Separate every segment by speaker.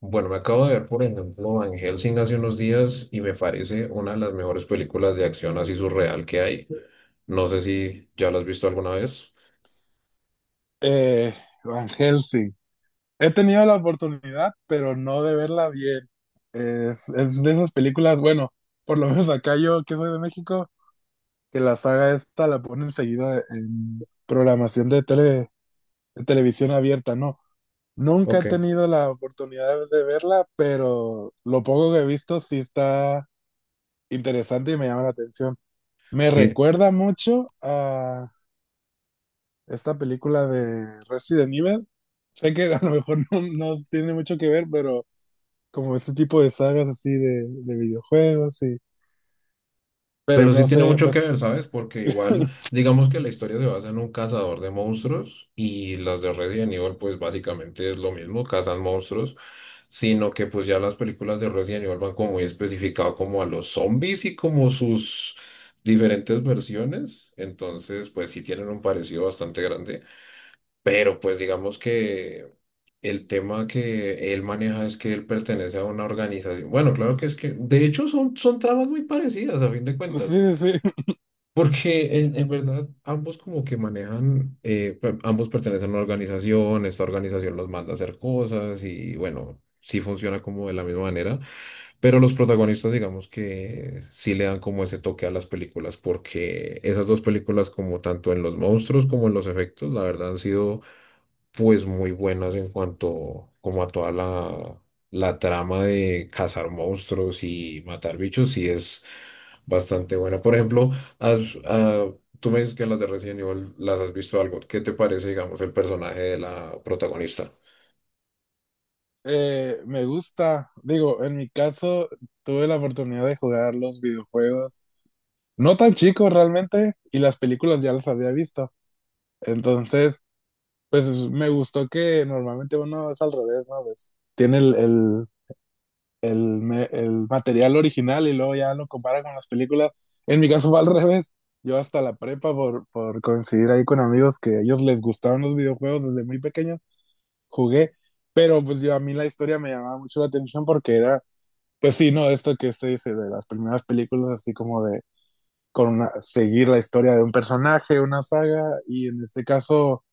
Speaker 1: Bueno, me acabo de ver, por ejemplo, Van Helsing hace unos días y me parece una de las mejores películas de acción así surreal que hay. No sé si ya la has visto alguna vez.
Speaker 2: Eh, Van Helsing. He tenido la oportunidad, pero no de verla bien. Es de esas películas, bueno, por lo menos acá yo, que soy de México, que la saga esta la ponen seguida en programación de tele, de televisión abierta, ¿no? Nunca he
Speaker 1: Ok,
Speaker 2: tenido la oportunidad de verla, pero lo poco que he visto sí está interesante y me llama la atención. Me
Speaker 1: sí.
Speaker 2: recuerda mucho a esta película de Resident Evil. Sé que a lo mejor no tiene mucho que ver, pero como ese tipo de sagas así de videojuegos y... Pero
Speaker 1: Pero sí
Speaker 2: no
Speaker 1: tiene
Speaker 2: sé,
Speaker 1: mucho que
Speaker 2: pues
Speaker 1: ver, ¿sabes? Porque igual, digamos que la historia se basa en un cazador de monstruos y las de Resident Evil, pues básicamente es lo mismo, cazan monstruos, sino que pues ya las películas de Resident Evil van como muy especificado como a los zombies y como sus diferentes versiones. Entonces, pues sí tienen un parecido bastante grande. Pero pues digamos que el tema que él maneja es que él pertenece a una organización. Bueno, claro que es que, de hecho, son tramas muy parecidas a fin de cuentas
Speaker 2: sí, sí, sí.
Speaker 1: porque en verdad ambos como que manejan, ambos pertenecen a una organización, esta organización los manda a hacer cosas y bueno, sí funciona como de la misma manera, pero los protagonistas digamos que sí le dan como ese toque a las películas, porque esas dos películas como tanto en los monstruos como en los efectos, la verdad han sido pues muy buenas en cuanto como a toda la trama de cazar monstruos y matar bichos, sí es bastante buena. Por ejemplo, has- ah, tú me dices que en las de Resident Evil las has visto algo. ¿Qué te parece, digamos, el personaje de la protagonista?
Speaker 2: Me gusta. Digo, en mi caso tuve la oportunidad de jugar los videojuegos, no tan chicos realmente, y las películas ya las había visto. Entonces, pues me gustó que normalmente uno es al revés, ¿no? Pues tiene el material original y luego ya lo compara con las películas. En mi caso fue al revés. Yo hasta la prepa, por coincidir ahí con amigos que a ellos les gustaban los videojuegos desde muy pequeños, jugué. Pero pues yo a mí la historia me llamaba mucho la atención porque era, pues sí, no, esto que usted dice de las primeras películas, así como de seguir la historia de un personaje, una saga, y en este caso,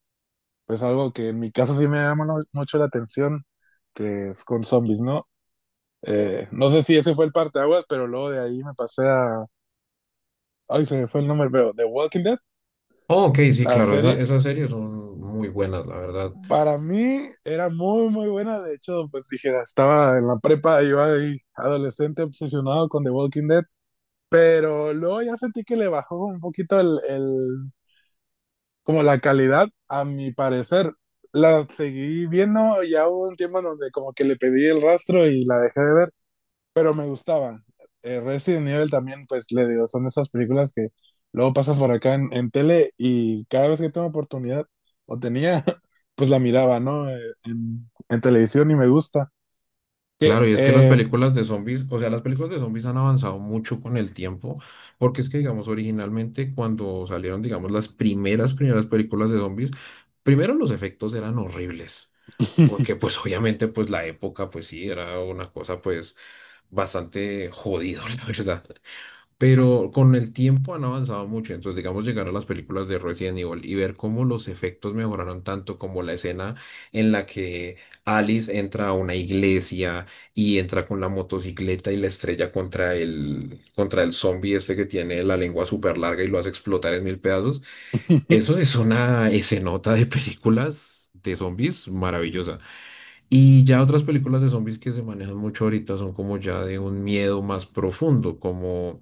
Speaker 2: pues algo que en mi caso sí me llama mucho la atención, que es con zombies, ¿no? No sé si ese fue el parteaguas, pero luego de ahí me pasé a. Ay, se me fue el nombre, pero The Walking Dead,
Speaker 1: Oh, ok, sí,
Speaker 2: la
Speaker 1: claro,
Speaker 2: serie,
Speaker 1: esas series son muy buenas, la verdad.
Speaker 2: para mí era muy, muy buena. De hecho, pues dijera, estaba en la prepa, iba ahí, adolescente obsesionado con The Walking Dead, pero luego ya sentí que le bajó un poquito el como la calidad, a mi parecer. La seguí viendo ya hubo un tiempo en donde como que le pedí el rastro y la dejé de ver, pero me gustaban. Resident Evil también, pues le digo, son esas películas que luego pasas por acá en tele y cada vez que tengo oportunidad o tenía, pues la miraba, ¿no? En televisión y me gusta. Que,
Speaker 1: Claro, y es que las películas de zombies, o sea, las películas de zombies han avanzado mucho con el tiempo, porque es que, digamos, originalmente cuando salieron, digamos, las primeras películas de zombies, primero los efectos eran horribles, porque pues obviamente pues la época pues sí, era una cosa pues bastante jodido la verdad. Pero con el tiempo han avanzado mucho, entonces digamos llegar a las películas de Resident Evil y ver cómo los efectos mejoraron tanto como la escena en la que Alice entra a una iglesia y entra con la motocicleta y la estrella contra contra el zombie este que tiene la lengua súper larga y lo hace explotar en mil pedazos. Eso es una escenota de películas de zombies maravillosa y ya otras películas de zombies que se manejan mucho ahorita son como ya de un miedo más profundo como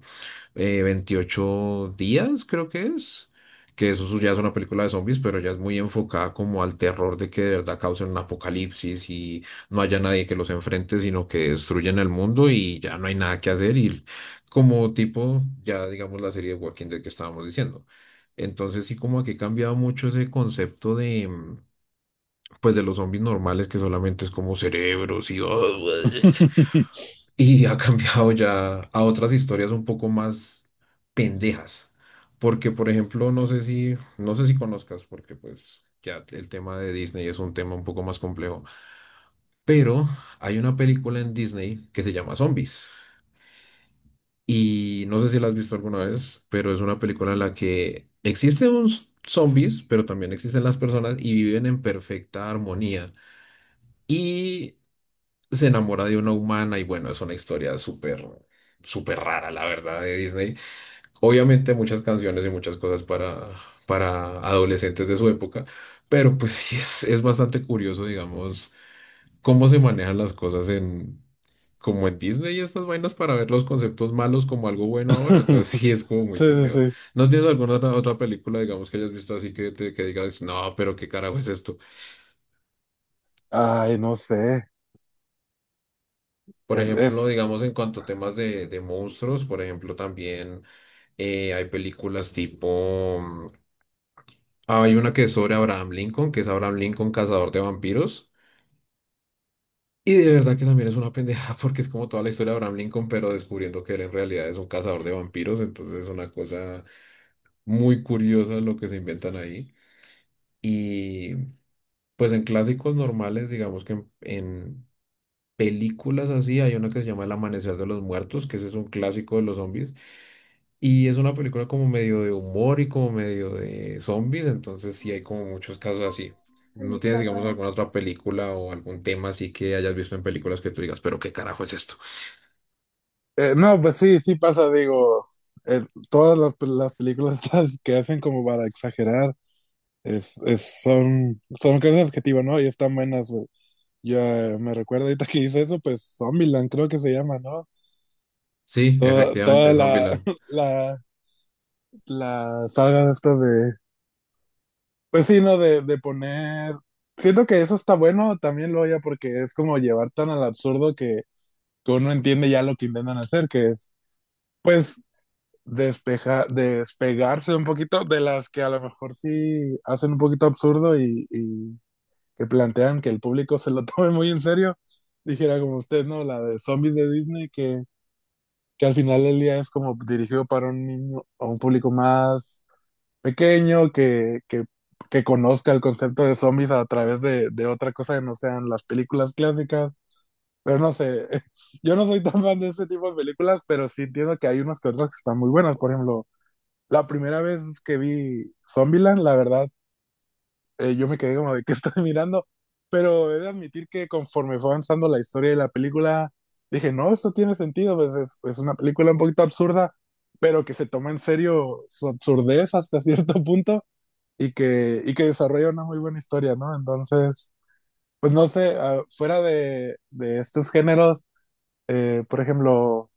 Speaker 1: 28 días, creo que es, que eso ya es una película de zombies, pero ya es muy enfocada como al terror de que de verdad causen un apocalipsis y no haya nadie que los enfrente, sino que destruyen el mundo y ya no hay nada que hacer y como tipo, ya digamos la serie de Walking Dead que estábamos diciendo. Entonces sí como que ha cambiado mucho ese concepto de... pues de los zombies normales que solamente es como cerebros y... y ha cambiado ya a otras historias un poco más pendejas. Porque, por ejemplo, no sé si, no sé si conozcas, porque pues ya el tema de Disney es un tema un poco más complejo. Pero hay una película en Disney que se llama Zombies. Y no sé si la has visto alguna vez, pero es una película en la que existen zombies, pero también existen las personas y viven en perfecta armonía. Y se enamora de una humana y bueno, es una historia súper rara, la verdad, de Disney. Obviamente muchas canciones y muchas cosas para adolescentes de su época, pero pues sí es bastante curioso, digamos, cómo se manejan las cosas en... como en Disney y estas vainas para ver los conceptos malos como algo bueno ahora, entonces sí es como muy
Speaker 2: Sí, sí,
Speaker 1: pendejo.
Speaker 2: sí.
Speaker 1: ¿No tienes alguna otra película, digamos, que hayas visto así que digas, no, pero qué carajo es esto?
Speaker 2: Ay, no sé.
Speaker 1: Por
Speaker 2: Es,
Speaker 1: ejemplo,
Speaker 2: es...
Speaker 1: digamos en cuanto a temas de monstruos, por ejemplo, también hay películas tipo... hay una que es sobre Abraham Lincoln, que es Abraham Lincoln, cazador de vampiros. Y de verdad que también es una pendeja porque es como toda la historia de Abraham Lincoln, pero descubriendo que él en realidad es un cazador de vampiros. Entonces es una cosa muy curiosa lo que se inventan ahí. Y pues en clásicos normales, digamos que en películas así, hay una que se llama El Amanecer de los Muertos, que ese es un clásico de los zombies. Y es una película como medio de humor y como medio de zombies, entonces sí hay como muchos casos así. ¿No tienes,
Speaker 2: Alexa,
Speaker 1: digamos,
Speaker 2: para.
Speaker 1: alguna otra película o algún tema así que hayas visto en películas que tú digas, pero qué carajo es esto?
Speaker 2: No, pues sí, sí pasa, digo, todas las películas estas que hacen como para exagerar. Son carnes objetivas, ¿no? Y están buenas, güey. Yo me recuerdo ahorita que hice eso, pues Zombieland creo que se llama, ¿no?
Speaker 1: Sí,
Speaker 2: Toda,
Speaker 1: efectivamente,
Speaker 2: toda
Speaker 1: Zombieland.
Speaker 2: la, la saga esta de... Pues sí, ¿no? De poner... Siento que eso está bueno también, lo ya, porque es como llevar tan al absurdo que uno entiende ya lo que intentan hacer, que es, pues, despegarse un poquito de las que a lo mejor sí hacen un poquito absurdo y que plantean que el público se lo tome muy en serio, dijera como usted, ¿no? La de zombies de Disney, que al final del día es como dirigido para un niño, a un público más pequeño, que conozca el concepto de zombies a través de otra cosa que no sean las películas clásicas. Pero no sé, yo no soy tan fan de este tipo de películas, pero sí entiendo que hay unas que otras que están muy buenas. Por ejemplo, la primera vez que vi Zombieland, la verdad yo me quedé como de qué estoy mirando, pero he de admitir que conforme fue avanzando la historia de la película, dije, no, esto tiene sentido, pues es una película un poquito absurda, pero que se toma en serio su absurdez hasta cierto punto y que desarrolla una muy buena historia, ¿no? Entonces, pues no sé, ah, fuera de estos géneros, por ejemplo,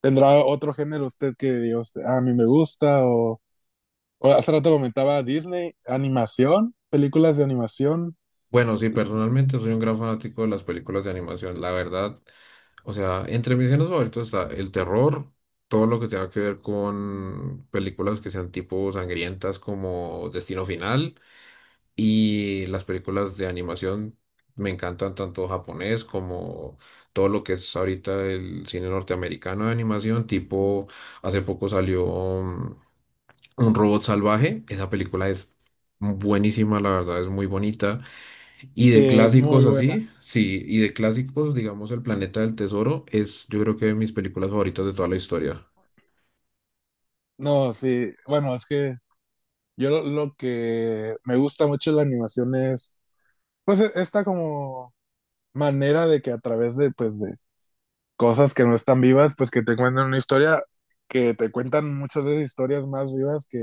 Speaker 2: ¿tendrá otro género usted que diga usted, "Ah, a mí me gusta"? O hace rato comentaba Disney, animación, películas de animación.
Speaker 1: Bueno, sí, personalmente soy un gran fanático de las películas de animación, la verdad. O sea, entre mis géneros favoritos está el terror, todo lo que tenga que ver con películas que sean tipo sangrientas como Destino Final. Y las películas de animación me encantan tanto japonés como todo lo que es ahorita el cine norteamericano de animación, tipo hace poco salió mm, Un robot salvaje, esa película es buenísima, la verdad es muy bonita. Y
Speaker 2: Sí,
Speaker 1: de
Speaker 2: es muy
Speaker 1: clásicos
Speaker 2: buena.
Speaker 1: así, sí, y de clásicos, digamos El planeta del tesoro es yo creo que de mis películas favoritas de toda la historia.
Speaker 2: No, sí, bueno, es que yo lo que me gusta mucho de la animación es, pues, esta como manera de que a través de, pues, de cosas que no están vivas, pues, que te cuentan una historia, que te cuentan muchas veces historias más vivas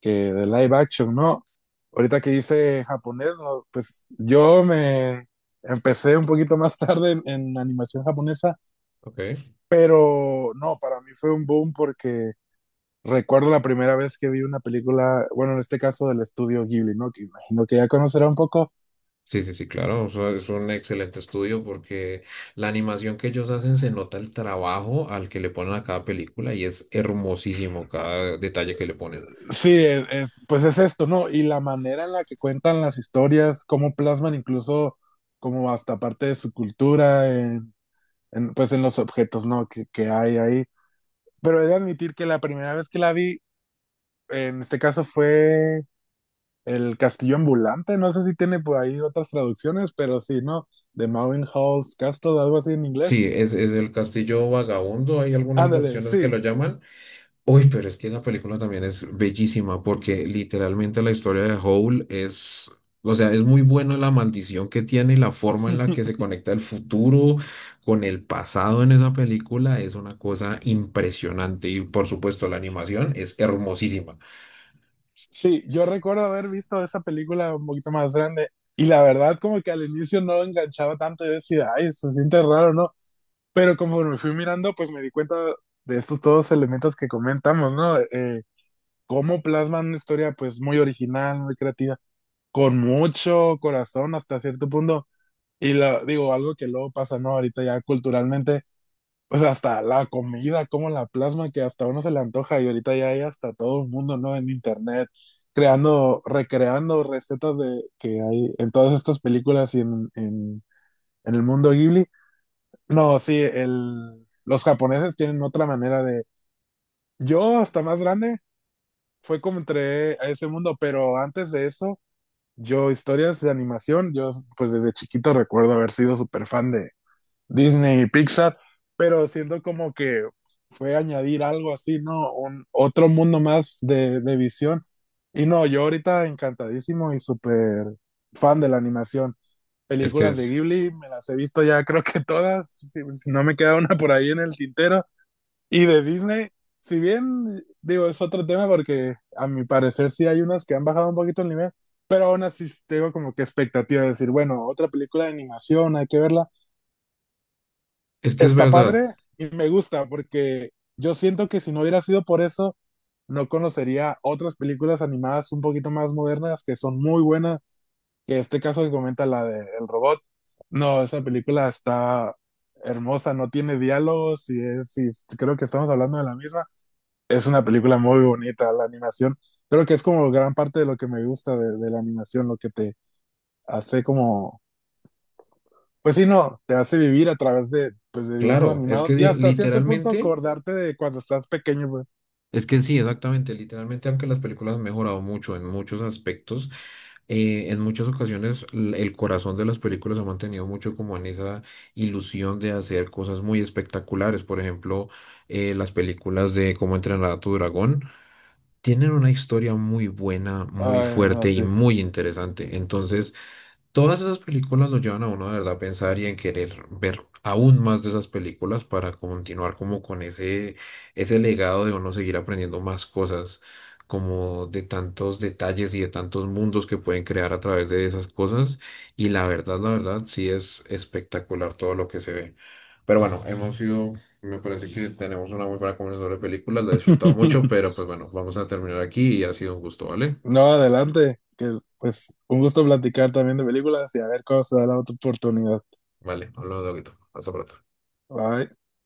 Speaker 2: que de live action, ¿no? Ahorita que hice japonés, no, pues, yo me empecé un poquito más tarde en animación japonesa,
Speaker 1: Ok.
Speaker 2: pero no, para mí fue un boom porque recuerdo la primera vez que vi una película, bueno, en este caso del estudio Ghibli, ¿no? Que imagino que ya conocerá un poco.
Speaker 1: Sí, sí, sí, claro, o sea, es un excelente estudio porque la animación que ellos hacen se nota el trabajo al que le ponen a cada película y es hermosísimo cada detalle que le ponen.
Speaker 2: Sí, pues es esto, ¿no? Y la manera en la que cuentan las historias, cómo plasman incluso como hasta parte de su cultura, pues en los objetos, ¿no? Que hay ahí. Pero he de admitir que la primera vez que la vi, en este caso fue El Castillo Ambulante, no sé si tiene por ahí otras traducciones, pero sí, ¿no? The Hall's Castle, algo así en inglés.
Speaker 1: Sí, es el Castillo Vagabundo, hay algunas
Speaker 2: Ándale,
Speaker 1: versiones que
Speaker 2: sí.
Speaker 1: lo llaman. Uy, pero es que esa película también es bellísima porque literalmente la historia de Howl es, o sea, es muy buena la maldición que tiene y la forma en la que se conecta el futuro con el pasado en esa película es una cosa impresionante y por supuesto la animación es hermosísima.
Speaker 2: Sí, yo recuerdo haber visto esa película un poquito más grande y la verdad como que al inicio no enganchaba tanto y decía, ay, se siente raro, ¿no? Pero conforme fui mirando, pues me di cuenta de estos todos elementos que comentamos, ¿no? Cómo plasman una historia pues muy original, muy creativa, con mucho corazón hasta cierto punto. Y la, digo, algo que luego pasa, ¿no? Ahorita ya culturalmente pues hasta la comida, como la plasma, que hasta uno se le antoja y ahorita ya hay hasta todo el mundo, ¿no? En internet, creando, recreando recetas de que hay en todas estas películas y en el mundo Ghibli. No, sí, el, los japoneses tienen otra manera de... Yo hasta más grande fue como entré a ese mundo, pero antes de eso, yo historias de animación, yo pues desde chiquito recuerdo haber sido súper fan de, Disney y Pixar, pero siento como que fue añadir algo así, ¿no? Un, otro mundo más de visión. Y no, yo ahorita encantadísimo y súper fan de la animación.
Speaker 1: Es que
Speaker 2: Películas de
Speaker 1: es,
Speaker 2: Ghibli, me las he visto ya creo que todas, si, si no me queda una por ahí en el tintero. Y de Disney, si bien digo, es otro tema porque a mi parecer sí hay unas que han bajado un poquito el nivel, pero aún así tengo como que expectativa de decir, bueno, otra película de animación, hay que verla
Speaker 1: es que es
Speaker 2: está
Speaker 1: verdad,
Speaker 2: padre y me gusta porque yo siento que si no hubiera sido por eso, no conocería otras películas animadas un poquito más modernas que son muy buenas, que este caso que comenta la de El Robot. No, esa película está hermosa, no tiene diálogos y, es, y creo que estamos hablando de la misma. Es una película muy bonita, la animación. Creo que es como gran parte de lo que me gusta de la animación, lo que te hace como pues sí, no, te hace vivir a través de, pues, de dibujos
Speaker 1: claro,
Speaker 2: animados y hasta cierto punto
Speaker 1: literalmente,
Speaker 2: acordarte de cuando estás pequeño, pues.
Speaker 1: es que sí, exactamente, literalmente aunque las películas han mejorado mucho en muchos aspectos. En muchas ocasiones el corazón de las películas ha mantenido mucho como en esa ilusión de hacer cosas muy espectaculares. Por ejemplo, las películas de Cómo entrenar a tu dragón tienen una historia muy buena, muy
Speaker 2: Ay, no,
Speaker 1: fuerte y
Speaker 2: sí.
Speaker 1: muy interesante. Entonces, todas esas películas lo llevan a uno de verdad a pensar y en querer ver aún más de esas películas para continuar como con ese legado de uno seguir aprendiendo más cosas, como de tantos detalles y de tantos mundos que pueden crear a través de esas cosas. Y la verdad, sí es espectacular todo lo que se ve. Pero bueno, hemos sido, me parece que tenemos una muy buena conversación sobre películas, la he disfrutado mucho, pero pues bueno, vamos a terminar aquí y ha sido un gusto, ¿vale?
Speaker 2: No, adelante, que pues un gusto platicar también de películas y a ver cómo se da la otra oportunidad.
Speaker 1: Vale, hablamos de poquito. Hasta pronto.
Speaker 2: Bye.